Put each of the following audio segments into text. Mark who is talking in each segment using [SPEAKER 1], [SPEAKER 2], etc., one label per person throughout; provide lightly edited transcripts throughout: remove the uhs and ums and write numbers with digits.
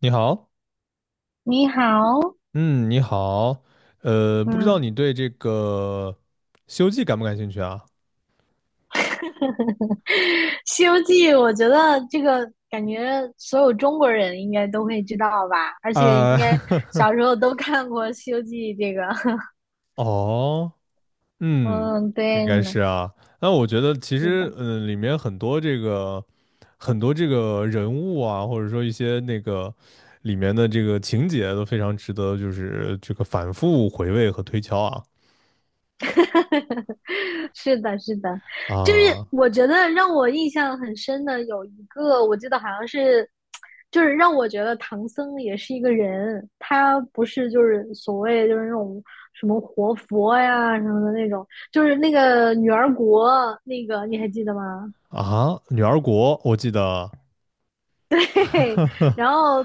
[SPEAKER 1] 你好，
[SPEAKER 2] 你好，
[SPEAKER 1] 嗯，你好，不知道
[SPEAKER 2] 嗯，
[SPEAKER 1] 你对这个《西游记》感不感兴趣啊？
[SPEAKER 2] 《西游记》，我觉得这个感觉所有中国人应该都会知道吧，而且应该
[SPEAKER 1] 啊、
[SPEAKER 2] 小时候都看过《西游记》这个。
[SPEAKER 1] 哦，嗯，
[SPEAKER 2] 嗯，
[SPEAKER 1] 应
[SPEAKER 2] 对
[SPEAKER 1] 该
[SPEAKER 2] 呢，
[SPEAKER 1] 是啊。那我觉得其
[SPEAKER 2] 是
[SPEAKER 1] 实，
[SPEAKER 2] 的。
[SPEAKER 1] 里面很多这个人物啊，或者说一些那个里面的这个情节都非常值得，就是这个反复回味和推敲啊
[SPEAKER 2] 是的，是的，就是
[SPEAKER 1] 啊
[SPEAKER 2] 我觉得让我印象很深的有一个，我记得好像是，就是让我觉得唐僧也是一个人，他不是就是所谓就是那种什么活佛呀什么的那种，就是那个女儿国那个你还记得吗？
[SPEAKER 1] 啊！女儿国，我记得，
[SPEAKER 2] 嘿嘿，然后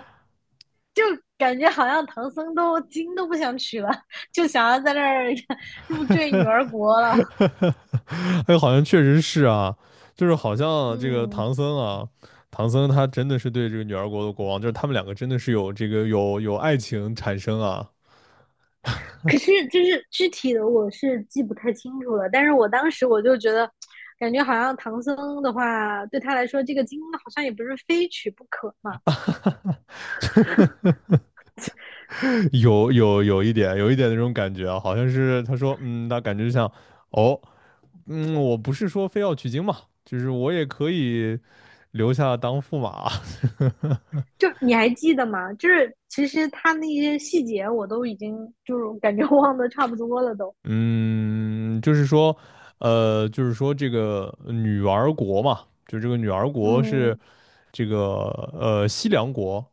[SPEAKER 2] 就感觉好像唐僧都经都不想取了，就想要在那儿 入赘女儿国了。
[SPEAKER 1] 哎，好像确实是啊，就是好像这个
[SPEAKER 2] 嗯，
[SPEAKER 1] 唐僧啊，唐僧他真的是对这个女儿国的国王，就是他们两个真的是有这个有有爱情产生啊，
[SPEAKER 2] 可是就是具体的我是记不太清楚了，但是我当时我就觉得，感觉好像唐僧的话，对他来说这个经好像也不是非取不可嘛。
[SPEAKER 1] 有一点那种感觉啊，好像是他说，嗯，那感觉就像，哦，嗯，我不是说非要取经嘛，就是我也可以留下当驸马，
[SPEAKER 2] 就你还记得吗？就是其实他那些细节我都已经就是感觉忘的差不多了都。
[SPEAKER 1] 嗯，就是说这个女儿国嘛，就这个女儿国是。
[SPEAKER 2] 嗯
[SPEAKER 1] 这个西凉国，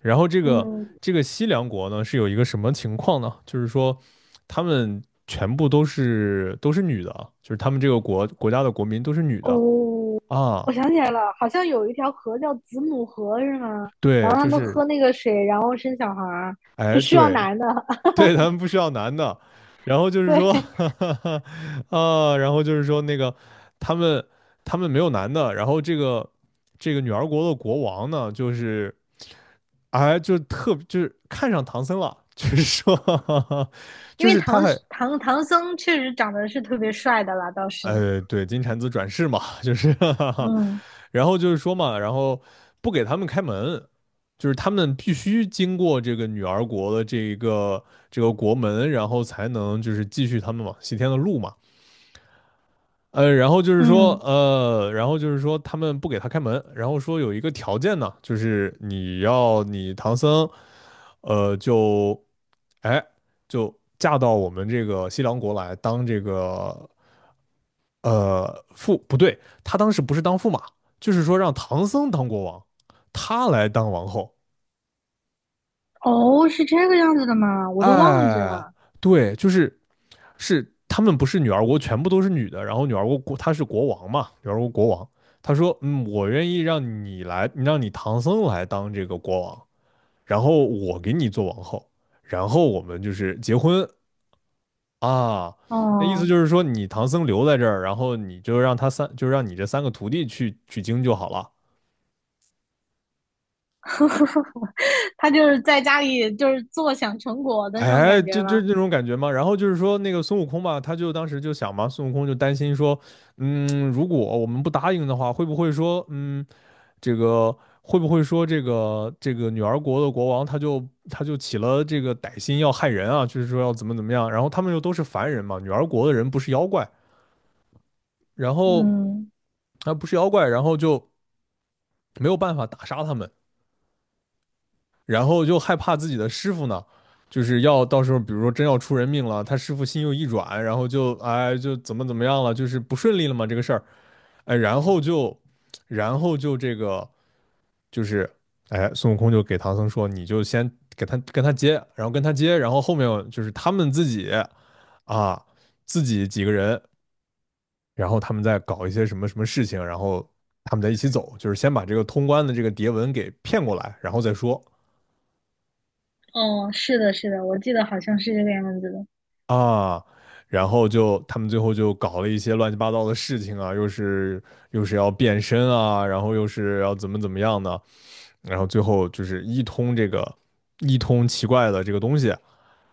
[SPEAKER 1] 然后这个
[SPEAKER 2] 嗯
[SPEAKER 1] 这个西凉国呢是有一个什么情况呢？就是说他们全部都是女的啊，就是他们这个国家的国民都是女
[SPEAKER 2] 哦，
[SPEAKER 1] 的啊，
[SPEAKER 2] 我想起来了，好像有一条河叫子母河是吗？然
[SPEAKER 1] 对，
[SPEAKER 2] 后他
[SPEAKER 1] 就
[SPEAKER 2] 们
[SPEAKER 1] 是
[SPEAKER 2] 喝那个水，然后生小孩儿，不
[SPEAKER 1] 哎
[SPEAKER 2] 需要
[SPEAKER 1] 对
[SPEAKER 2] 男的。
[SPEAKER 1] 对，他们不需要男的，然后就是说
[SPEAKER 2] 对，
[SPEAKER 1] 啊，然后就是说那个他们他们没有男的，然后这个女儿国的国王呢就是。哎，就是看上唐僧了，就是说，
[SPEAKER 2] 因
[SPEAKER 1] 就
[SPEAKER 2] 为
[SPEAKER 1] 是他
[SPEAKER 2] 唐
[SPEAKER 1] 还
[SPEAKER 2] 唐唐僧确实长得是特别帅的啦，倒是，
[SPEAKER 1] 对，金蝉子转世嘛，就是
[SPEAKER 2] 嗯
[SPEAKER 1] 然后就是说嘛，然后不给他们开门，就是他们必须经过这个女儿国的这一个这个国门，然后才能就是继续他们往西天的路嘛。呃，然后就是说，
[SPEAKER 2] 嗯，
[SPEAKER 1] 呃，然后就是说，他们不给他开门，然后说有一个条件呢，就是你要你唐僧，就，哎，就嫁到我们这个西凉国来当这个，不对，他当时不是当驸马，就是说让唐僧当国王，他来当王后。
[SPEAKER 2] 哦，是这个样子的吗？我都忘记
[SPEAKER 1] 哎，
[SPEAKER 2] 了。
[SPEAKER 1] 对，就是他们不是女儿国全部都是女的，然后女儿国他是国王嘛，女儿国国王，他说嗯，我愿意让你来，让你唐僧来当这个国王，然后我给你做王后，然后我们就是结婚啊。那意思
[SPEAKER 2] 哦，
[SPEAKER 1] 就是说，你唐僧留在这儿，然后你就让他三，就让你这三个徒弟去取经就好了。
[SPEAKER 2] 他就是在家里就是坐享成果的那种
[SPEAKER 1] 哎，
[SPEAKER 2] 感觉
[SPEAKER 1] 就
[SPEAKER 2] 吗？
[SPEAKER 1] 这种感觉嘛。然后就是说，那个孙悟空吧，他就当时就想嘛，孙悟空就担心说，嗯，如果我们不答应的话，会不会说，嗯，这个会不会说这个女儿国的国王他就起了这个歹心要害人啊，就是说要怎么怎么样，然后他们又都是凡人嘛，女儿国的人不是妖怪，然后
[SPEAKER 2] 嗯，
[SPEAKER 1] 他不是妖怪，然后就没有办法打杀他们，然后就害怕自己的师傅呢。就是要到时候，比如说真要出人命了，他师傅心又一软，然后就哎就怎么怎么样了，就是不顺利了嘛这个事儿，哎，然后就，然后就这个就是哎，孙悟空就给唐僧说，你就先给他跟他接，然后跟他接，然后后面就是他们自己啊，自己几个人，然后他们再搞一些什么什么事情，然后他们在一起走，就是先把这个通关的这个牒文给骗过来，然后再说
[SPEAKER 2] 哦，是的，是的，我记得好像是这个样子的。
[SPEAKER 1] 啊。然后就他们最后就搞了一些乱七八糟的事情啊，又是要变身啊，然后又是要怎么怎么样呢？然后最后就是一通奇怪的这个东西，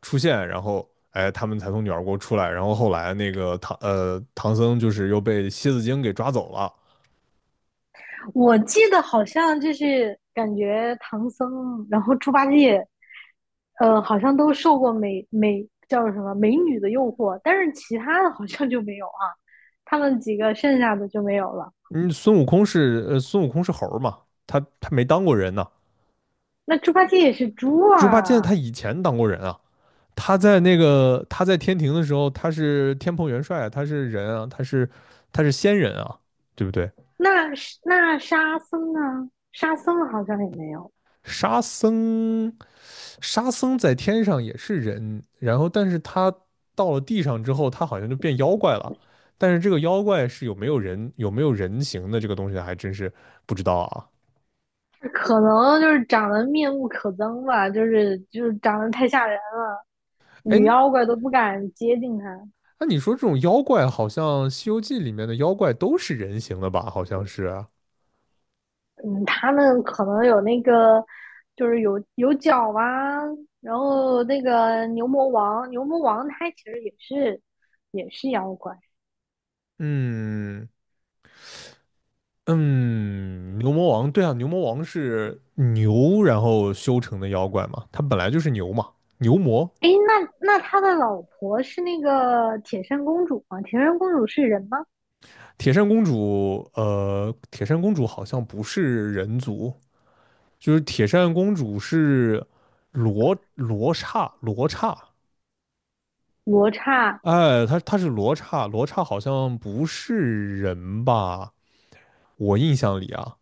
[SPEAKER 1] 出现，然后哎，他们才从女儿国出来。然后后来那个唐僧就是又被蝎子精给抓走了。
[SPEAKER 2] 我记得好像就是感觉唐僧，然后猪八戒，好像都受过美美叫什么美女的诱惑，但是其他的好像就没有啊，他们几个剩下的就没有了。
[SPEAKER 1] 嗯，孙悟空是猴儿嘛，他没当过人呢。
[SPEAKER 2] 那猪八戒也是猪
[SPEAKER 1] 猪八戒
[SPEAKER 2] 啊，
[SPEAKER 1] 他以前当过人啊，他在那个他在天庭的时候，他是天蓬元帅啊，他是人啊，他是仙人啊，对不对？
[SPEAKER 2] 那是那沙僧呢？沙僧好像也没有，
[SPEAKER 1] 沙僧，沙僧在天上也是人，然后但是他到了地上之后，他好像就变妖怪了。但是这个妖怪是有没有人形的这个东西，还真是不知道啊。
[SPEAKER 2] 可能就是长得面目可憎吧，就是就是长得太吓人了，
[SPEAKER 1] 哎，
[SPEAKER 2] 女妖怪都不敢接近他。
[SPEAKER 1] 那你说这种妖怪，好像《西游记》里面的妖怪都是人形的吧？好像是。
[SPEAKER 2] 嗯，他们可能有那个，就是有有角啊，然后那个牛魔王，牛魔王他其实也是也是妖怪。
[SPEAKER 1] 嗯嗯，牛魔王，对啊，牛魔王是牛然后修成的妖怪嘛，他本来就是牛嘛，牛魔
[SPEAKER 2] 诶，那那他的老婆是那个铁扇公主吗？铁扇公主是人吗？
[SPEAKER 1] 铁扇公主，铁扇公主好像不是人族，就是铁扇公主是罗刹，
[SPEAKER 2] 罗刹
[SPEAKER 1] 哎，她是罗刹，罗刹好像不是人吧？我印象里啊，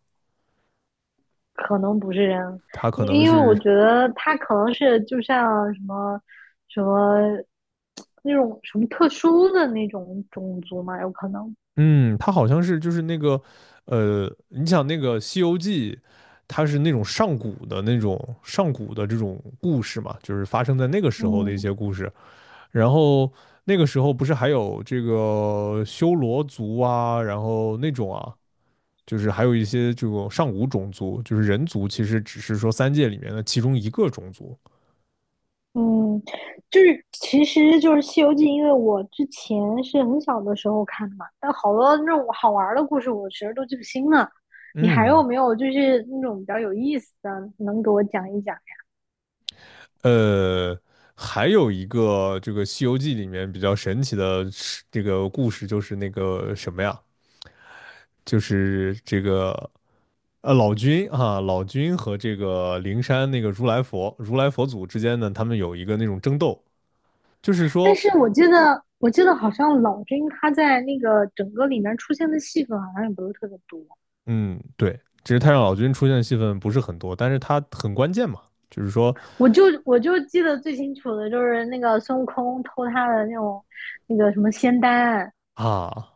[SPEAKER 2] 可能不是人，
[SPEAKER 1] 她可
[SPEAKER 2] 因
[SPEAKER 1] 能
[SPEAKER 2] 因为我
[SPEAKER 1] 是，
[SPEAKER 2] 觉得他可能是就像什么什么那种什么特殊的那种种族嘛，有可能。
[SPEAKER 1] 嗯，她好像是就是那个，你想那个《西游记》。它是那种上古的这种故事嘛，就是发生在那个时候的一
[SPEAKER 2] 嗯
[SPEAKER 1] 些故事。然后那个时候不是还有这个修罗族啊，然后那种啊，就是还有一些这种上古种族，就是人族，其实只是说三界里面的其中一个种族。
[SPEAKER 2] 嗯，就是其实就是《西游记》，因为我之前是很小的时候看的嘛，但好多那种好玩儿的故事，我其实都记不清了。你还有
[SPEAKER 1] 嗯，
[SPEAKER 2] 没有就是那种比较有意思的，能给我讲一讲？
[SPEAKER 1] 呃，还有一个这个《西游记》里面比较神奇的是这个故事，就是那个什么呀，就是这个。老君啊，老君和这个灵山那个如来佛、如来佛祖之间呢，他们有一个那种争斗，就是
[SPEAKER 2] 但
[SPEAKER 1] 说，
[SPEAKER 2] 是我记得，我记得好像老君他在那个整个里面出现的戏份好像也不是特别多。
[SPEAKER 1] 嗯，对，其实太上老君出现的戏份不是很多，但是他很关键嘛，就是说
[SPEAKER 2] 我就我就记得最清楚的就是那个孙悟空偷他的那种那个什么仙丹，
[SPEAKER 1] 啊，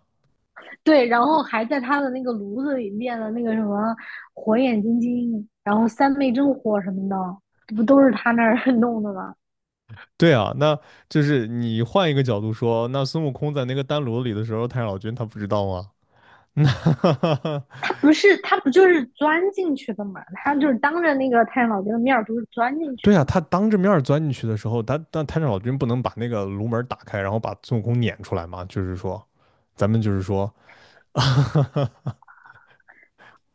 [SPEAKER 2] 对，然后还在他的那个炉子里练了那个什么火眼金睛，然后三昧真火什么的，这不都是他那儿 弄的吗？
[SPEAKER 1] 对啊，那就是你换一个角度说，那孙悟空在那个丹炉里的时候，太上老君他不知道吗？那
[SPEAKER 2] 他不是，他不就是钻进去的嘛？他就是当着那个太上老君的面儿，不是钻进去
[SPEAKER 1] 对
[SPEAKER 2] 的
[SPEAKER 1] 啊，
[SPEAKER 2] 嘛？
[SPEAKER 1] 他当着面钻进去的时候，他但太上老君不能把那个炉门打开，然后把孙悟空撵出来吗？就是说，咱们就是说，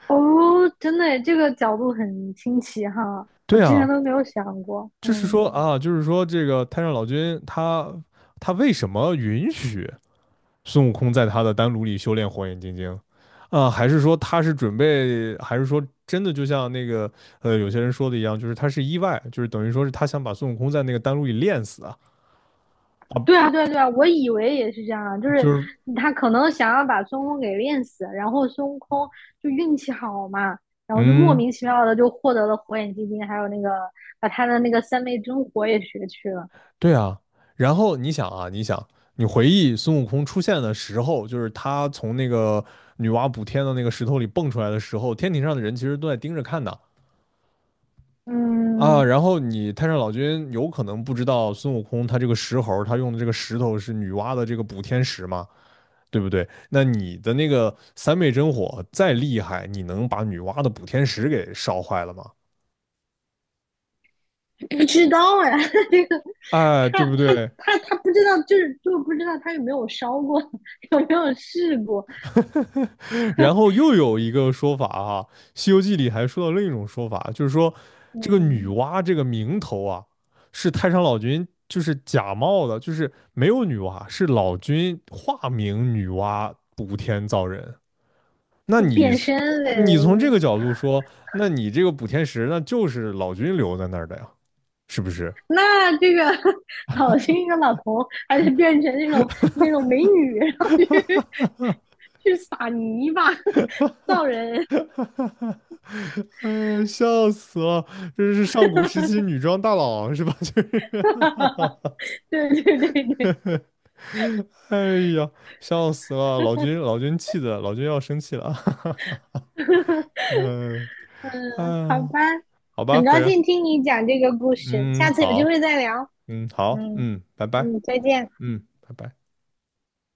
[SPEAKER 2] 哦，真的耶这个角度很新奇哈，我
[SPEAKER 1] 对
[SPEAKER 2] 之前
[SPEAKER 1] 啊，
[SPEAKER 2] 都没有想过。
[SPEAKER 1] 就是
[SPEAKER 2] 嗯，
[SPEAKER 1] 说啊，就是说这个太上老君他为什么允许孙悟空在他的丹炉里修炼火眼金睛，啊，还是说他是准备，还是说真的就像那个有些人说的一样，就是他是意外，就是等于说是他想把孙悟空在那个丹炉里炼死啊，
[SPEAKER 2] 对啊，对啊，对啊，我以为也是这样啊，就是
[SPEAKER 1] 就是
[SPEAKER 2] 他可能想要把孙悟空给练死，然后孙悟空就运气好嘛，然后就莫
[SPEAKER 1] 嗯，
[SPEAKER 2] 名其妙的就获得了火眼金睛，还有那个把他的那个三昧真火也学去了。
[SPEAKER 1] 对啊，然后你想你回忆孙悟空出现的时候，就是他从那个女娲补天的那个石头里蹦出来的时候，天庭上的人其实都在盯着看的，啊，
[SPEAKER 2] 嗯，
[SPEAKER 1] 然后你太上老君有可能不知道孙悟空他这个石猴他用的这个石头是女娲的这个补天石嘛，对不对？那你的那个三昧真火再厉害，你能把女娲的补天石给烧坏了吗？
[SPEAKER 2] 不知道哎，这个
[SPEAKER 1] 哎，
[SPEAKER 2] 他
[SPEAKER 1] 对不
[SPEAKER 2] 他
[SPEAKER 1] 对？
[SPEAKER 2] 他他不知道，就是就不知道他有没有烧过，有没有试过，
[SPEAKER 1] 然后又有一个说法哈，《西游记》里还说到另一种说法，就是说这个女
[SPEAKER 2] 嗯，
[SPEAKER 1] 娲这个名头啊，是太上老君就是假冒的，就是没有女娲，是老君化名女娲补天造人。那
[SPEAKER 2] 就
[SPEAKER 1] 你
[SPEAKER 2] 变身呗，
[SPEAKER 1] 你从这个角度说，那你这个补天石那就是老君留在那儿的呀，是不是？
[SPEAKER 2] 那这个 老一个老头还得变成那种那种美女，然后去去撒泥巴造人。
[SPEAKER 1] 哎，笑死了！这是上古时期女装大佬是吧？就是
[SPEAKER 2] 对对对对，
[SPEAKER 1] 哎呀，笑死了！老君，老君气的，老君要生气了。哈哈嗯、呃，
[SPEAKER 2] 嗯，好
[SPEAKER 1] 啊，
[SPEAKER 2] 吧，
[SPEAKER 1] 好吧，
[SPEAKER 2] 很
[SPEAKER 1] 飞
[SPEAKER 2] 高
[SPEAKER 1] 人，
[SPEAKER 2] 兴听你讲这个故事，
[SPEAKER 1] 嗯，
[SPEAKER 2] 下次有机
[SPEAKER 1] 好，
[SPEAKER 2] 会再聊。
[SPEAKER 1] 嗯，好，
[SPEAKER 2] 嗯。
[SPEAKER 1] 嗯，拜拜，
[SPEAKER 2] 嗯，再见。
[SPEAKER 1] 嗯，拜拜。